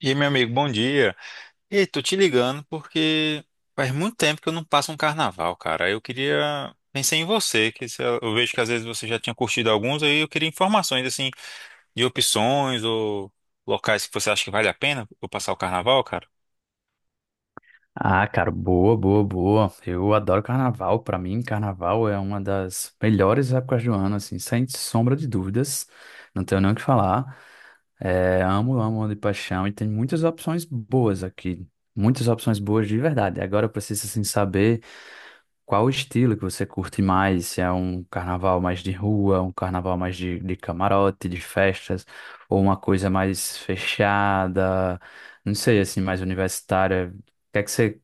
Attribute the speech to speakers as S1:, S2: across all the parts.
S1: E aí, meu amigo, bom dia. E tô te ligando porque faz muito tempo que eu não passo um carnaval, cara. Eu queria pensei em você, que se eu vejo que às vezes você já tinha curtido alguns, aí eu queria informações assim de opções ou locais que você acha que vale a pena eu passar o carnaval, cara.
S2: Ah, cara, boa, boa, boa. Eu adoro carnaval. Pra mim, carnaval é uma das melhores épocas do ano, assim, sem sombra de dúvidas. Não tenho nem o que falar. É, amo, amo de paixão e tem muitas opções boas aqui. Muitas opções boas de verdade. Agora eu preciso, assim, saber qual o estilo que você curte mais. Se é um carnaval mais de rua, um carnaval mais de camarote, de festas, ou uma coisa mais fechada, não sei, assim, mais universitária. O que é que você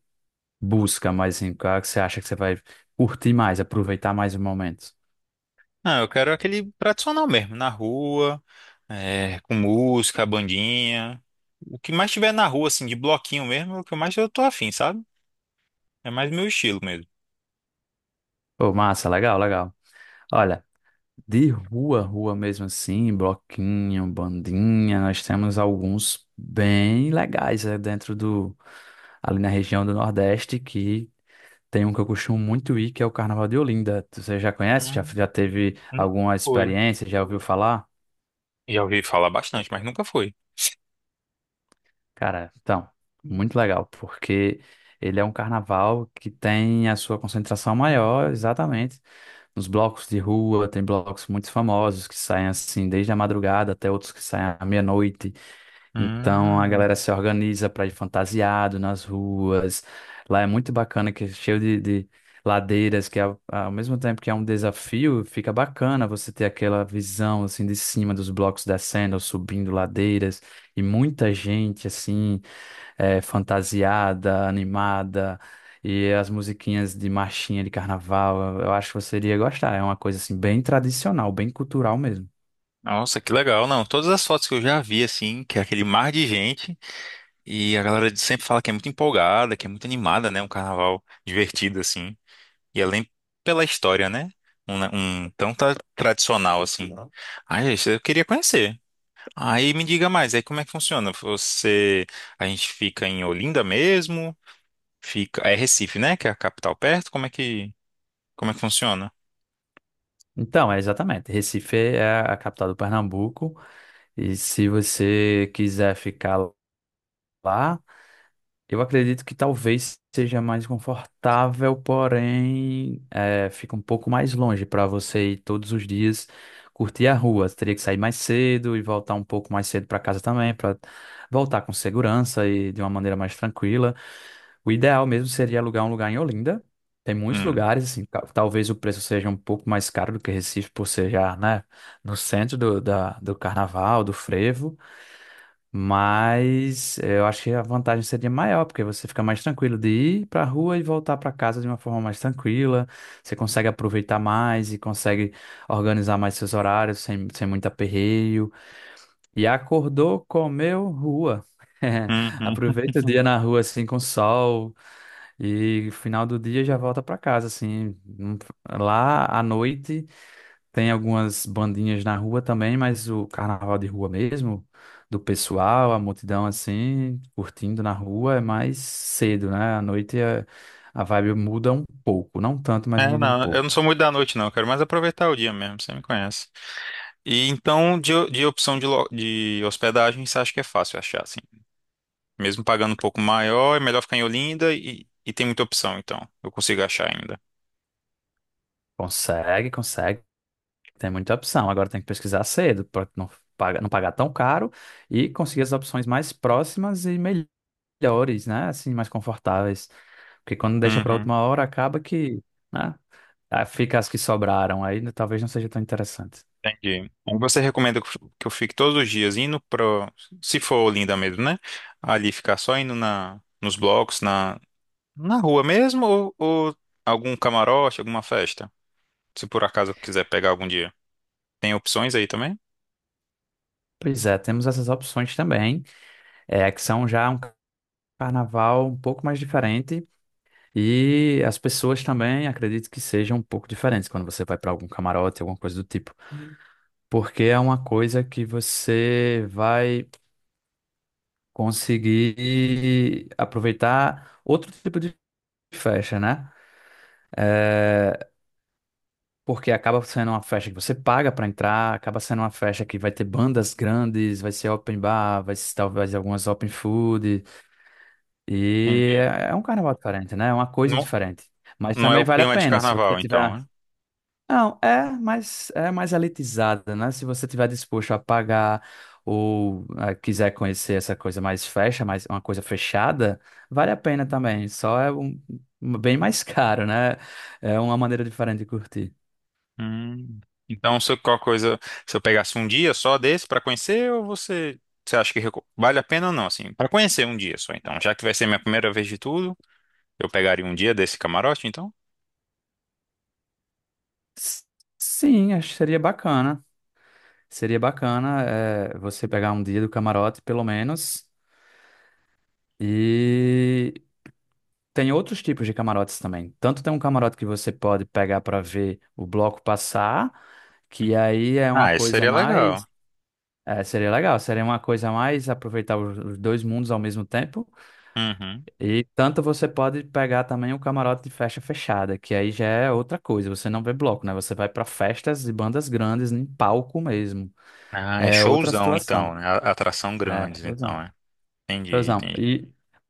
S2: busca mais em qual que você acha que você vai curtir mais, aproveitar mais o momento.
S1: Não, eu quero aquele tradicional mesmo, na rua, é, com música, bandinha. O que mais tiver na rua, assim, de bloquinho mesmo, é o que mais eu tô afim, sabe? É mais meu estilo mesmo.
S2: Ô, massa, legal, legal. Olha, de rua, rua mesmo assim, bloquinho, bandinha, nós temos alguns bem legais, né, dentro do, ali na região do Nordeste, que tem um que eu costumo muito ir, que é o Carnaval de Olinda. Você já conhece? Já,
S1: Hum,
S2: já teve
S1: nunca
S2: alguma
S1: foi.
S2: experiência? Já ouviu falar?
S1: Já ouvi falar bastante, mas nunca fui.
S2: Cara, então, muito legal, porque ele é um carnaval que tem a sua concentração maior, exatamente nos blocos de rua, tem blocos muito famosos que saem assim desde a madrugada até outros que saem à meia-noite. Então a
S1: Hum,
S2: galera se organiza para ir fantasiado nas ruas. Lá é muito bacana, que é cheio de ladeiras, que ao mesmo tempo que é um desafio, fica bacana você ter aquela visão assim de cima dos blocos descendo ou subindo ladeiras e muita gente assim fantasiada, animada, e as musiquinhas de marchinha de carnaval. Eu acho que você iria gostar. É uma coisa assim bem tradicional, bem cultural mesmo.
S1: nossa, que legal. Não, todas as fotos que eu já vi, assim, que é aquele mar de gente, e a galera sempre fala que é muito empolgada, que é muito animada, né? Um carnaval divertido, assim. E além pela história, né? Um tão tradicional, assim. Ai, isso eu queria conhecer. Aí me diga mais, aí como é que funciona? Você, a gente fica em Olinda mesmo? Fica, é Recife, né? Que é a capital perto? Como é que funciona?
S2: Então, é exatamente. Recife é a capital do Pernambuco, e se você quiser ficar lá, eu acredito que talvez seja mais confortável, porém fica um pouco mais longe para você ir todos os dias curtir a rua. Você teria que sair mais cedo e voltar um pouco mais cedo para casa também, para voltar com segurança e de uma maneira mais tranquila. O ideal mesmo seria alugar um lugar em Olinda. Tem muitos
S1: Hum.
S2: lugares, assim, talvez o preço seja um pouco mais caro do que Recife, por ser já, né, no centro do, do carnaval, do frevo. Mas eu acho que a vantagem seria maior, porque você fica mais tranquilo de ir para a rua e voltar para casa de uma forma mais tranquila. Você consegue aproveitar mais e consegue organizar mais seus horários sem muito aperreio. E acordou, comeu, rua.
S1: Uhum.
S2: Aproveita o dia na rua assim com sol e final do dia já volta para casa assim. Não. Lá à noite. Tem algumas bandinhas na rua também, mas o carnaval de rua mesmo, do pessoal, a multidão assim, curtindo na rua, é mais cedo, né? À noite é a vibe muda um pouco, não tanto, mas
S1: É,
S2: muda um
S1: não, eu
S2: pouco.
S1: não sou muito da noite, não. Eu quero mais aproveitar o dia mesmo, você me conhece. E então, de opção de hospedagem, você acha que é fácil achar, assim? Mesmo pagando um pouco maior, é melhor ficar em Olinda e tem muita opção, então. Eu consigo achar ainda.
S2: Consegue, consegue, tem muita opção. Agora tem que pesquisar cedo, para não pagar tão caro e conseguir as opções mais próximas e melhores, né? Assim, mais confortáveis. Porque quando deixa para
S1: Uhum,
S2: última hora, acaba que, né? Ah, fica as que sobraram, aí talvez não seja tão interessante.
S1: entendi. Então, você recomenda que eu fique todos os dias indo pro, se for Olinda mesmo, né? Ali ficar só indo nos blocos, na rua mesmo, ou algum camarote, alguma festa? Se por acaso eu quiser pegar algum dia. Tem opções aí também?
S2: Pois é, temos essas opções também, é, que são já um carnaval um pouco mais diferente e as pessoas também acredito que sejam um pouco diferentes quando você vai para algum camarote, alguma coisa do tipo, porque é uma coisa que você vai conseguir aproveitar outro tipo de festa, né? É, porque acaba sendo uma festa que você paga para entrar, acaba sendo uma festa que vai ter bandas grandes, vai ser open bar, vai ser talvez algumas open food. E é um carnaval diferente, né? É uma coisa
S1: Não,
S2: diferente. Mas
S1: não é
S2: também
S1: o
S2: vale a
S1: clima de
S2: pena se você
S1: carnaval, então,
S2: tiver.
S1: né?
S2: Não, é mais elitizada, né? Se você tiver disposto a pagar ou quiser conhecer essa coisa mais fecha, mais uma coisa fechada, vale a pena também. Só é um, um bem mais caro, né? É uma maneira diferente de curtir.
S1: Hum. Então, se eu pegasse um dia só desse pra conhecer, ou você, você acha que vale a pena ou não, assim, para conhecer um dia só, então, já que vai ser minha primeira vez de tudo, eu pegaria um dia desse camarote, então?
S2: S- Sim, acho que seria bacana. Seria bacana, você pegar um dia do camarote, pelo menos. E tem outros tipos de camarotes também. Tanto tem um camarote que você pode pegar para ver o bloco passar, que aí é uma
S1: Ah, isso
S2: coisa
S1: seria legal.
S2: mais. É, seria legal, seria uma coisa mais aproveitar os dois mundos ao mesmo tempo.
S1: Uhum.
S2: E tanto você pode pegar também o camarote de festa fechada, que aí já é outra coisa. Você não vê bloco, né? Você vai para festas e bandas grandes em palco mesmo.
S1: Ah, é
S2: É outra
S1: showzão então,
S2: situação.
S1: né? Atração
S2: É,
S1: grandes, então, é. Entendi,
S2: razão.
S1: entendi.
S2: E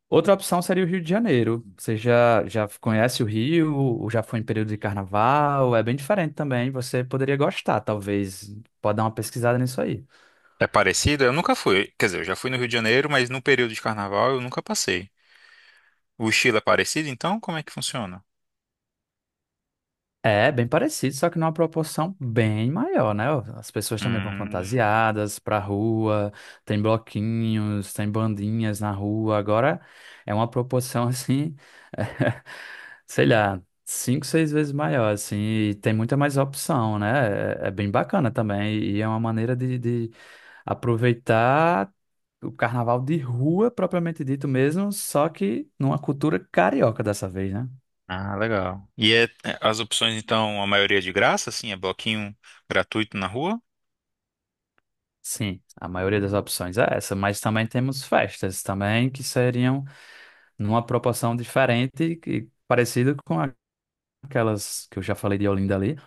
S2: outra opção seria o Rio de Janeiro. Você já conhece o Rio, ou já foi em período de carnaval, é bem diferente também. Você poderia gostar, talvez. Pode dar uma pesquisada nisso aí.
S1: É parecido? Eu nunca fui. Quer dizer, eu já fui no Rio de Janeiro, mas no período de carnaval eu nunca passei. O estilo é parecido, então? Como é que funciona?
S2: É, bem parecido, só que numa proporção bem maior, né? As pessoas também vão
S1: Hum.
S2: fantasiadas pra rua, tem bloquinhos, tem bandinhas na rua. Agora é uma proporção assim, sei lá, cinco, seis vezes maior, assim, e tem muita mais opção, né? É, é bem bacana também, e é uma maneira de aproveitar o carnaval de rua, propriamente dito mesmo, só que numa cultura carioca dessa vez, né?
S1: Ah, legal. E as opções, então, a maioria é de graça, assim, é bloquinho gratuito na rua?
S2: Sim, a maioria das opções é essa, mas também temos festas também que seriam numa proporção diferente e parecida com aquelas que eu já falei de Olinda ali,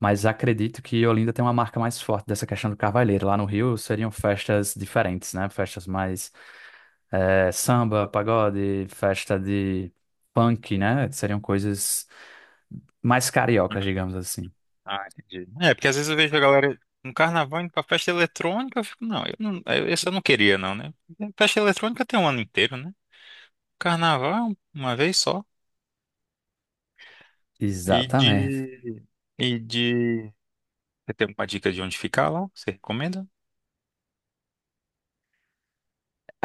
S2: mas acredito que Olinda tem uma marca mais forte dessa questão do carvalheiro. Lá no Rio seriam festas diferentes, né? Festas mais samba, pagode, festa de punk, né? Seriam coisas mais cariocas, digamos assim.
S1: Ah, entendi. É, porque às vezes eu vejo a galera no carnaval indo pra festa eletrônica, eu fico, não, esse eu não queria, não, né? Festa eletrônica tem um ano inteiro, né? Carnaval é uma vez só. E
S2: Exatamente.
S1: de. E de. Você tem alguma dica de onde ficar lá? Você recomenda?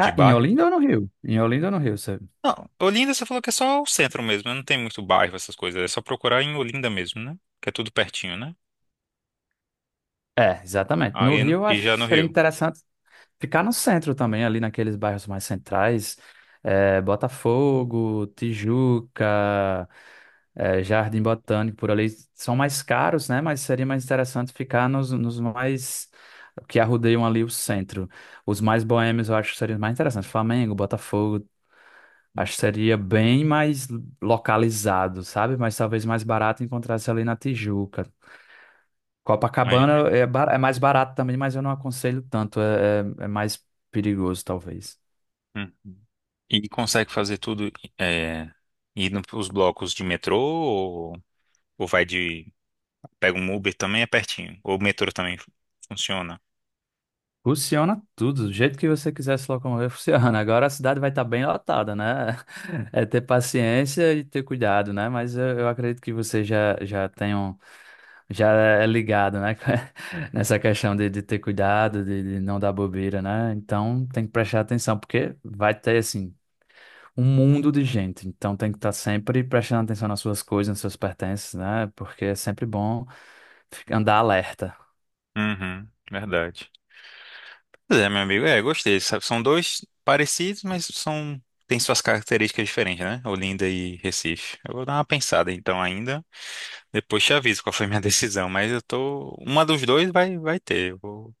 S1: De
S2: em
S1: bairro?
S2: Olinda ou no Rio? Em Olinda ou no Rio, você...
S1: Não, Olinda você falou que é só o centro mesmo, né? Não tem muito bairro, essas coisas. É só procurar em Olinda mesmo, né? Que é tudo pertinho, né?
S2: É, exatamente. No
S1: Aí
S2: Rio, eu
S1: e
S2: acho que
S1: já no
S2: seria
S1: Rio.
S2: interessante ficar no centro também, ali naqueles bairros mais centrais, Botafogo, Tijuca, Jardim Botânico, por ali, são mais caros, né? Mas seria mais interessante ficar nos mais que arrudeiam ali o centro. Os mais boêmios eu acho que seria mais interessante. Flamengo, Botafogo, acho que seria bem mais localizado, sabe? Mas talvez mais barato encontrar-se ali na Tijuca. Copacabana
S1: Imaginei.
S2: é, é mais barato também, mas eu não aconselho tanto. É, é mais perigoso, talvez.
S1: Uhum. E consegue fazer tudo é, indo os blocos de metrô ou vai de. pega um Uber também, é pertinho. Ou o metrô também funciona.
S2: Funciona tudo, do jeito que você quiser se locomover, funciona. Agora a cidade vai estar bem lotada, né? É ter paciência e ter cuidado, né? Mas eu acredito que você já tem um, já é ligado, né? Nessa questão de ter cuidado, de não dar bobeira, né? Então tem que prestar atenção, porque vai ter, assim, um mundo de gente, então tem que estar sempre prestando atenção nas suas coisas, nos seus pertences, né? Porque é sempre bom andar alerta.
S1: Uhum, verdade. Pois é, meu amigo, é, gostei, sabe? São dois parecidos, mas são. Tem suas características diferentes, né? Olinda e Recife. Eu vou dar uma pensada então ainda. Depois te aviso qual foi minha decisão, mas eu tô. Uma dos dois vai, vai ter. Eu vou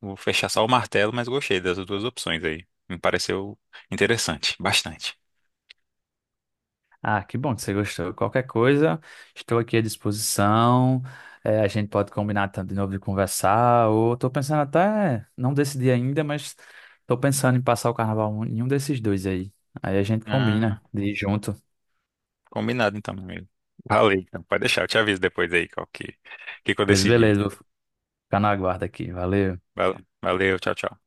S1: Vou fechar só o martelo, mas gostei das duas opções aí. Me pareceu interessante, bastante.
S2: Ah, que bom que você gostou. Qualquer coisa, estou aqui à disposição. É, a gente pode combinar de novo de conversar, ou estou pensando até, não decidi ainda, mas estou pensando em passar o carnaval em um desses dois aí. Aí a gente
S1: Ah,
S2: combina de ir junto.
S1: combinado então, meu amigo. Valeu, então. Pode deixar, eu te aviso depois aí que eu
S2: Pois
S1: decidi.
S2: beleza, vou ficar na guarda aqui. Valeu.
S1: Valeu, valeu, tchau, tchau.